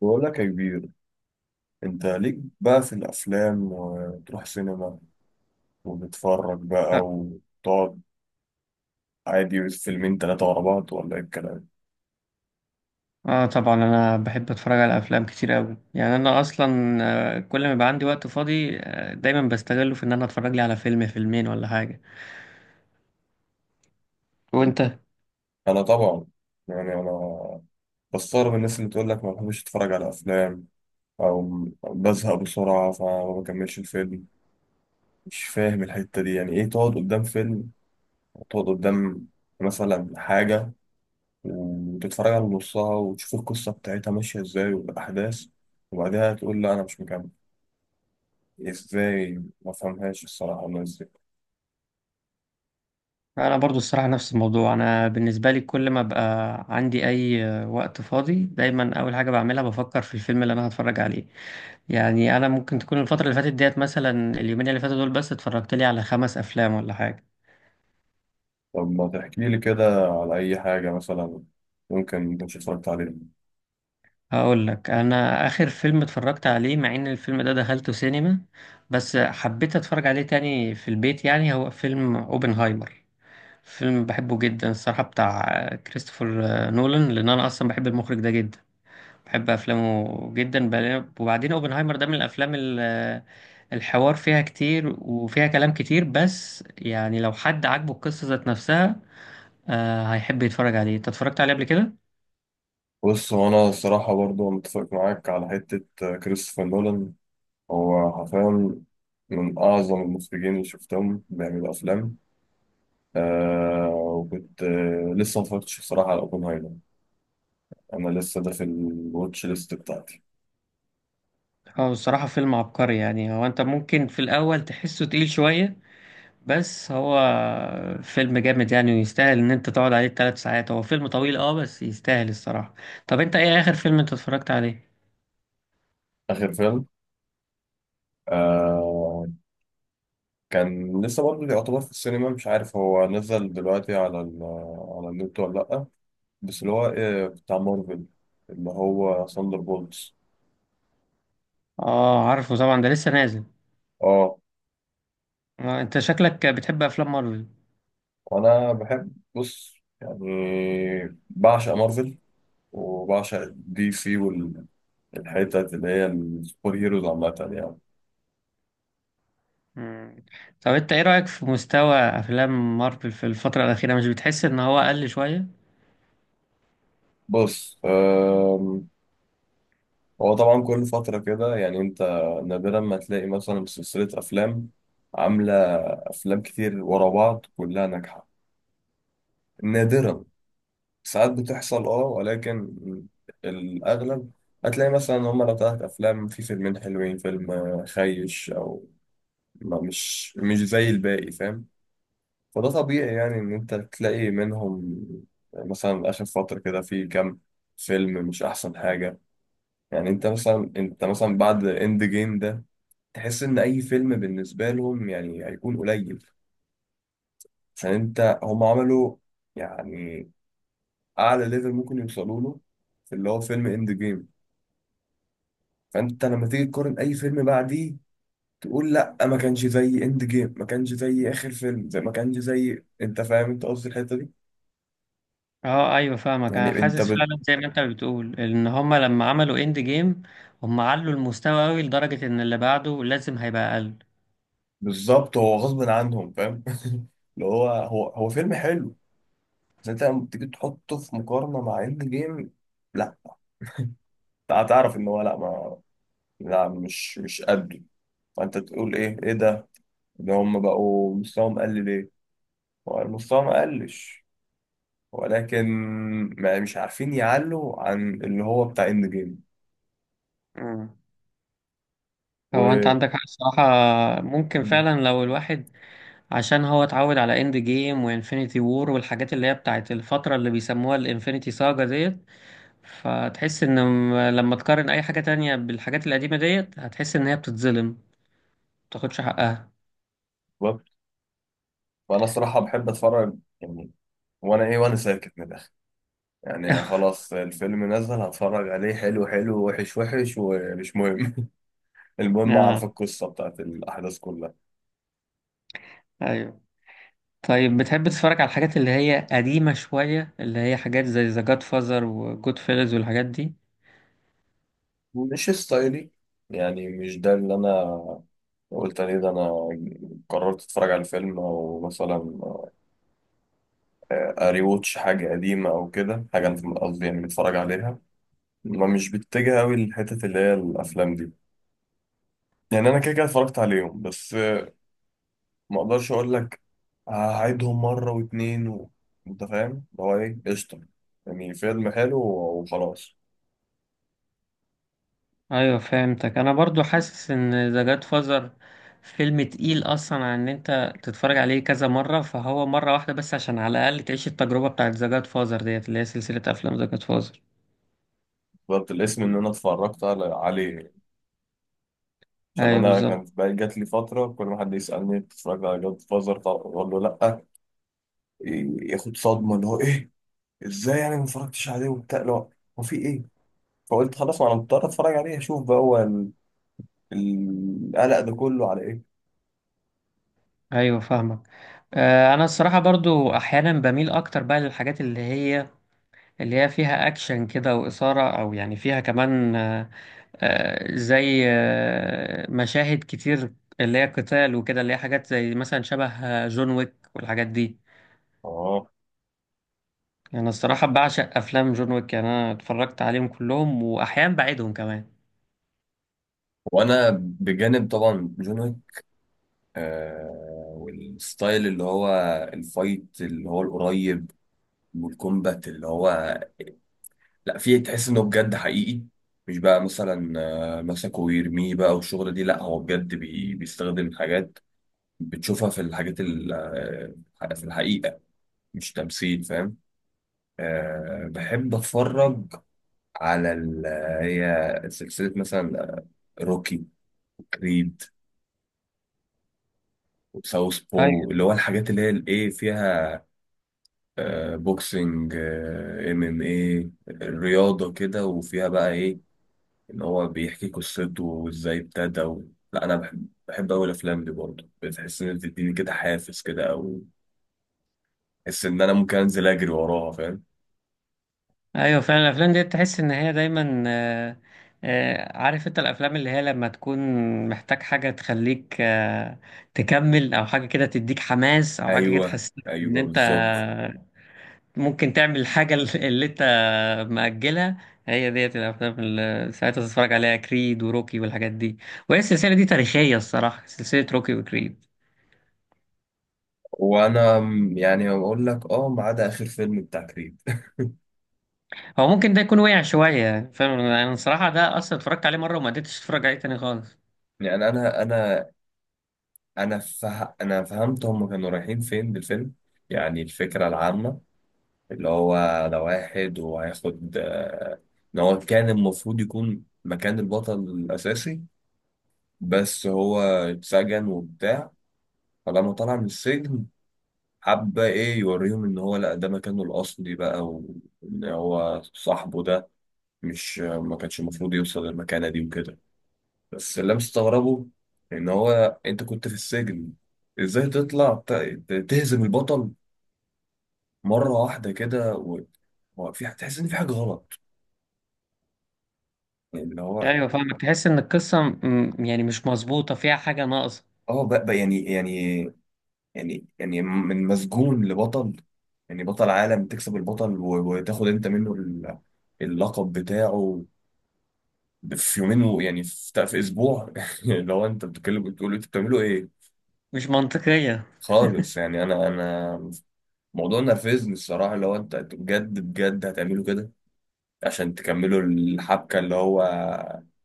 بقول لك يا كبير. انت ليك بقى في الافلام وتروح سينما وتتفرج بقى اه. وتقعد عادي، فيلمين ثلاثه ورا بعض ولا ايه الكلام؟ طبعا انا بحب اتفرج على افلام كتير قوي. يعني انا اصلا كل ما يبقى عندي وقت فاضي دايما بستغله في ان انا اتفرج لي على فيلم فيلمين ولا حاجه. وانت؟ انا طبعا يعني انا بستغرب الناس اللي تقول لك ما بحبش اتفرج على افلام او بزهق بسرعه فما بكملش الفيلم. مش فاهم الحته دي، يعني ايه تقعد قدام فيلم، تقعد قدام مثلا حاجه وتتفرج على نصها وتشوف القصه بتاعتها ماشيه ازاي والاحداث وبعدها تقول لا انا مش مكمل؟ ازاي ما فهمهاش الصراحة الناس دي. انا برضو الصراحه نفس الموضوع. انا بالنسبه لي كل ما بقى عندي اي وقت فاضي دايما اول حاجه بعملها بفكر في الفيلم اللي انا هتفرج عليه. يعني انا ممكن تكون الفتره اللي فاتت ديت مثلا اليومين اللي فاتوا دول بس اتفرجت لي على 5 افلام ولا حاجه. طب ما تحكي لي كده على أي حاجة مثلا ممكن ما كنتش اتفرجت عليها. هقول لك. انا اخر فيلم اتفرجت عليه مع ان الفيلم ده دخلته سينما، بس حبيت اتفرج عليه تاني في البيت. يعني هو فيلم اوبنهايمر، فيلم بحبه جدا الصراحة، بتاع كريستوفر نولان، لان انا اصلا بحب المخرج ده جدا، بحب افلامه جدا. وبعدين اوبنهايمر ده من الافلام الحوار فيها كتير وفيها كلام كتير. بس يعني لو حد عاجبه القصة ذات نفسها هيحب يتفرج عليه. انت اتفرجت عليه قبل كده؟ بص، هو أنا الصراحة برضو متفق معاك على حتة كريستوفر نولان. هو حرفيا من أعظم المخرجين اللي شفتهم بيعملوا أفلام. وكنت لسه ما اتفرجتش الصراحة على أوبنهايمر. أنا لسه ده في الواتش ليست بتاعتي. هو بصراحة فيلم عبقري. يعني هو انت ممكن في الاول تحسه تقيل شوية، بس هو فيلم جامد يعني، ويستاهل ان انت تقعد عليه 3 ساعات. هو فيلم طويل اه بس يستاهل الصراحة. طب انت ايه اخر فيلم انت اتفرجت عليه؟ آخر فيلم، آه كان لسه برضه يعتبر في السينما، مش عارف هو نزل دلوقتي على على النت ولا لأ، بس اللي هو إيه بتاع مارفل، اللي هو ثاندر بولتس. اه عارفه طبعا، ده لسه نازل. اه، انت شكلك بتحب افلام مارفل؟ وأنا بحب بص يعني بعشق مارفل وبعشق دي سي والحتت اللي هي السوبر هيروز عامة يعني. مم. طب انت ايه رأيك في مستوى افلام مارفل في الفترة الاخيرة؟ مش بتحس ان هو اقل شوية؟ بص، هو طبعا كل فترة كده يعني أنت نادرا ما تلاقي مثلا سلسلة أفلام عاملة أفلام كتير ورا بعض كلها ناجحة. نادرا، ساعات بتحصل اه، ولكن الأغلب هتلاقي مثلا إن هما لو تلات أفلام في فيلمين حلوين فيلم خيش، أو ما مش زي الباقي، فاهم؟ فده طبيعي يعني إن أنت تلاقي منهم مثلا آخر فترة كده في كام فيلم مش أحسن حاجة. يعني أنت مثلا، أنت مثلا بعد إند جيم ده تحس إن أي فيلم بالنسبة لهم يعني هيكون قليل، عشان أنت هما عملوا يعني اعلى ليفل ممكن يوصلوا له في اللي هو فيلم اند جيم. فانت لما تيجي تقارن اي فيلم بعديه تقول لا ما كانش زي اند جيم، ما كانش زي اخر فيلم زي ما كانش زي، انت فاهم انت قصدي الحته دي. اه ايوه فاهمك. يعني انا انت حاسس بت... فعلا زي ما انت بتقول ان هما لما عملوا اند جيم هما علوا المستوى قوي لدرجة ان اللي بعده لازم هيبقى اقل. بالظبط، هو غصب عنهم فاهم. اللي هو هو فيلم حلو بس انت لما تيجي تحطه في مقارنه مع اند جيم، لا هتعرف ان هو لا، ما لا مش قده. فانت تقول ايه، ايه ده؟ ده هم بقوا مستواهم قل ليه؟ هو مستواهم ما قلش ولكن ما مش عارفين يعلوا عن اللي هو بتاع اند جيم. مم. هو انت و... عندك حق الصراحة. ممكن فعلا لو الواحد، عشان هو اتعود على اند جيم وانفينيتي وور والحاجات اللي هي بتاعت الفترة اللي بيسموها الانفينيتي ساجا ديت، فتحس ان لما تقارن اي حاجة تانية بالحاجات القديمة ديت هتحس ان هي بتتظلم، متاخدش حقها. وانا الصراحه بحب اتفرج يعني، وانا ايه وانا ساكت من الاخر يعني خلاص الفيلم نزل هتفرج عليه، حلو حلو، وحش وحش ومش مهم. المهم اه اعرف القصه بتاعت الاحداث كلها. ايوه. طيب بتحب تتفرج على الحاجات اللي هي قديمة شوية؟ اللي هي حاجات زي ذا جاد فازر وجود فيلز والحاجات دي؟ مش ستايلي، يعني مش ده اللي انا قلت عليه. ده انا قررت اتفرج على فيلم او مثلا اريوتش حاجه قديمه او كده، حاجه انا قصدي يعني متفرج عليها، ما مش بتتجه قوي للحتت اللي هي الافلام دي. يعني انا كده كده اتفرجت عليهم بس ما اقدرش اقول لك هعيدهم مره واتنين انت فاهم اللي هو ايه، قشطه، يعني فيلم حلو وخلاص. أيوة فهمتك. أنا برضو حاسس إن ذا جاد فازر فيلم تقيل أصلا عن إن أنت تتفرج عليه كذا مرة، فهو مرة واحدة بس عشان على الأقل تعيش التجربة بتاعت ذا جاد فازر ديت اللي هي سلسلة أفلام ذا جاد فازر. بالظبط، الاسم ان انا اتفرجت عليه يعني. عشان أيوة انا بالظبط. كانت بقى جات لي فتره كل ما حد يسالني اتفرجت على جاد فازر اقول له لا. ياخد صدمه اللي هو ايه، ازاي يعني ما اتفرجتش عليه وبتاع، لا هو هو في ايه. فقلت خلاص ما انا مضطر اتفرج عليه اشوف بقى هو القلق ده كله على ايه. أيوة فاهمك. أنا الصراحة برضو أحيانا بميل أكتر بقى للحاجات اللي هي، اللي هي فيها أكشن كده وإثارة، أو يعني فيها كمان زي مشاهد كتير اللي هي قتال وكده، اللي هي حاجات زي مثلا شبه جون ويك والحاجات دي. اه، يعني الصراحة بعشق أفلام جون ويك. يعني أنا اتفرجت عليهم كلهم وأحيانا بعيدهم كمان. وانا بجانب طبعا جون ويك، والستايل اللي هو الفايت اللي هو القريب والكومبات اللي هو لا فيه، تحس انه بجد حقيقي، مش بقى مثلا مسكه ويرميه بقى والشغل دي، لا هو بجد بيستخدم حاجات بتشوفها في الحاجات في الحقيقة، مش تمثيل فاهم. أه بحب اتفرج على هي سلسلة مثلا روكي، كريد، وساوث بو أيوة. اللي هو الحاجات اللي هي الايه فيها بوكسنج. ام ام ايه، رياضة كده وفيها بقى ايه، ان هو بيحكي قصته وازاي ابتدى لا انا بحب اوي الافلام دي برضه، بتحس ان بتديني كده حافز كده او بحس ان انا ممكن انزل اجري وراها فاهم. أيوة فعلا. الأفلام دي تحس إن هي دايما عارف أنت الأفلام اللي هي لما تكون محتاج حاجة تخليك تكمل، أو حاجة كده تديك حماس، أو حاجة كده ايوه تحسسك إن ايوه أنت بالظبط. ممكن تعمل الحاجة اللي طب مأجلها، هي ديت الأفلام اللي ساعتها تتفرج عليها، كريد وروكي والحاجات دي. وهي السلسلة دي تاريخية الصراحة، سلسلة روكي وكريد. وانا يعني بقول لك اه ما عدا اخر فيلم بتاع كريد. هو ممكن ده يكون وقع شوية يعني فاهم. أنا الصراحة ده أصلا اتفرجت عليه مرة وما قدرتش أتفرج عليه تاني خالص. يعني انا فهمت هم كانوا رايحين فين بالفيلم. يعني الفكرة العامة اللي هو ده واحد وهياخد، ان هو كان المفروض يكون مكان البطل الاساسي بس هو اتسجن وبتاع. فلما طلع من السجن حب ايه يوريهم ان هو لا ده مكانه الاصلي بقى، وان هو صاحبه ده مش ما كانش المفروض يوصل للمكانه دي وكده. بس اللي مستغربه ان هو انت كنت في السجن ازاي تطلع تهزم البطل مره واحده كده هو في هتحس ان في حاجه غلط يعني اللي هو. أيوة فاهمك. تحس إن القصة يعني مش مظبوطة، فيها حاجة ناقصة. اه بقى يعني من مسجون لبطل، يعني بطل عالم تكسب البطل وتاخد انت منه اللقب بتاعه في يومين يعني في، في اسبوع. لو انت بتتكلم بتقول انتوا بتعملوا ايه؟ مش منطقية. خالص يعني، انا موضوع نرفزني الصراحه لو انت أنتوا بجد بجد هتعملوا كده عشان تكملوا الحبكه اللي هو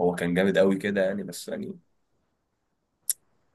هو كان جامد قوي كده يعني، بس يعني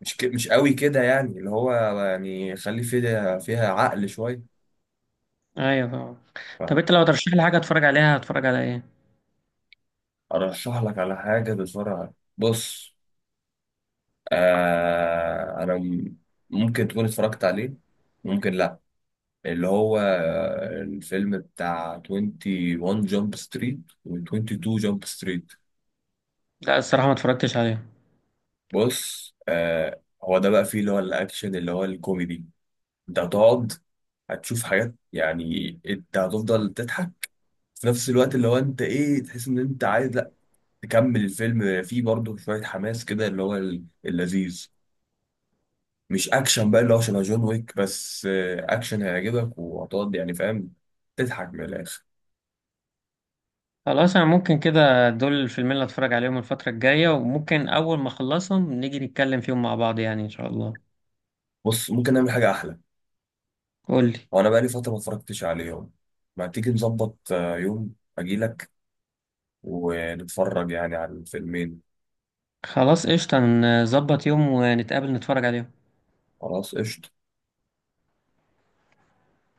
مش مش قوي كده يعني اللي هو، يعني خلي فيها عقل شويه. أيوة فاهمك. طب أنت لو ترشح لي حاجة أتفرج عليها هتفرج على إيه؟ ارشح لك على حاجه بسرعه، بص انا ممكن تكون اتفرجت عليه، ممكن لا، اللي هو الفيلم بتاع 21 جامب ستريت و22 جامب ستريت. لا الصراحة ما اتفرجتش عليها. بص آه، هو ده بقى فيه اللي هو الاكشن اللي هو الكوميدي، انت هتقعد هتشوف حاجات يعني انت هتفضل تضحك في نفس الوقت اللي هو انت ايه تحس ان انت عايز لا تكمل الفيلم، فيه برضه شويه حماس كده اللي هو اللذيذ، مش اكشن بقى اللي هو شبه جون ويك بس اكشن هيعجبك وهتقعد يعني فاهم تضحك من الاخر. خلاص. انا ممكن كده دول الفيلمين اللي اتفرج عليهم الفترة الجاية، وممكن اول ما اخلصهم نيجي نتكلم فيهم مع بعض يعني ان شاء الله. بص ممكن نعمل حاجه احلى. قولي. وانا بقى لي فتره ما اتفرجتش عليهم، ما تيجي نظبط يوم اجيلك ونتفرج يعني على الفيلمين. خلاص قشطة. نظبط يوم ونتقابل نتفرج عليهم. خلاص قشطه.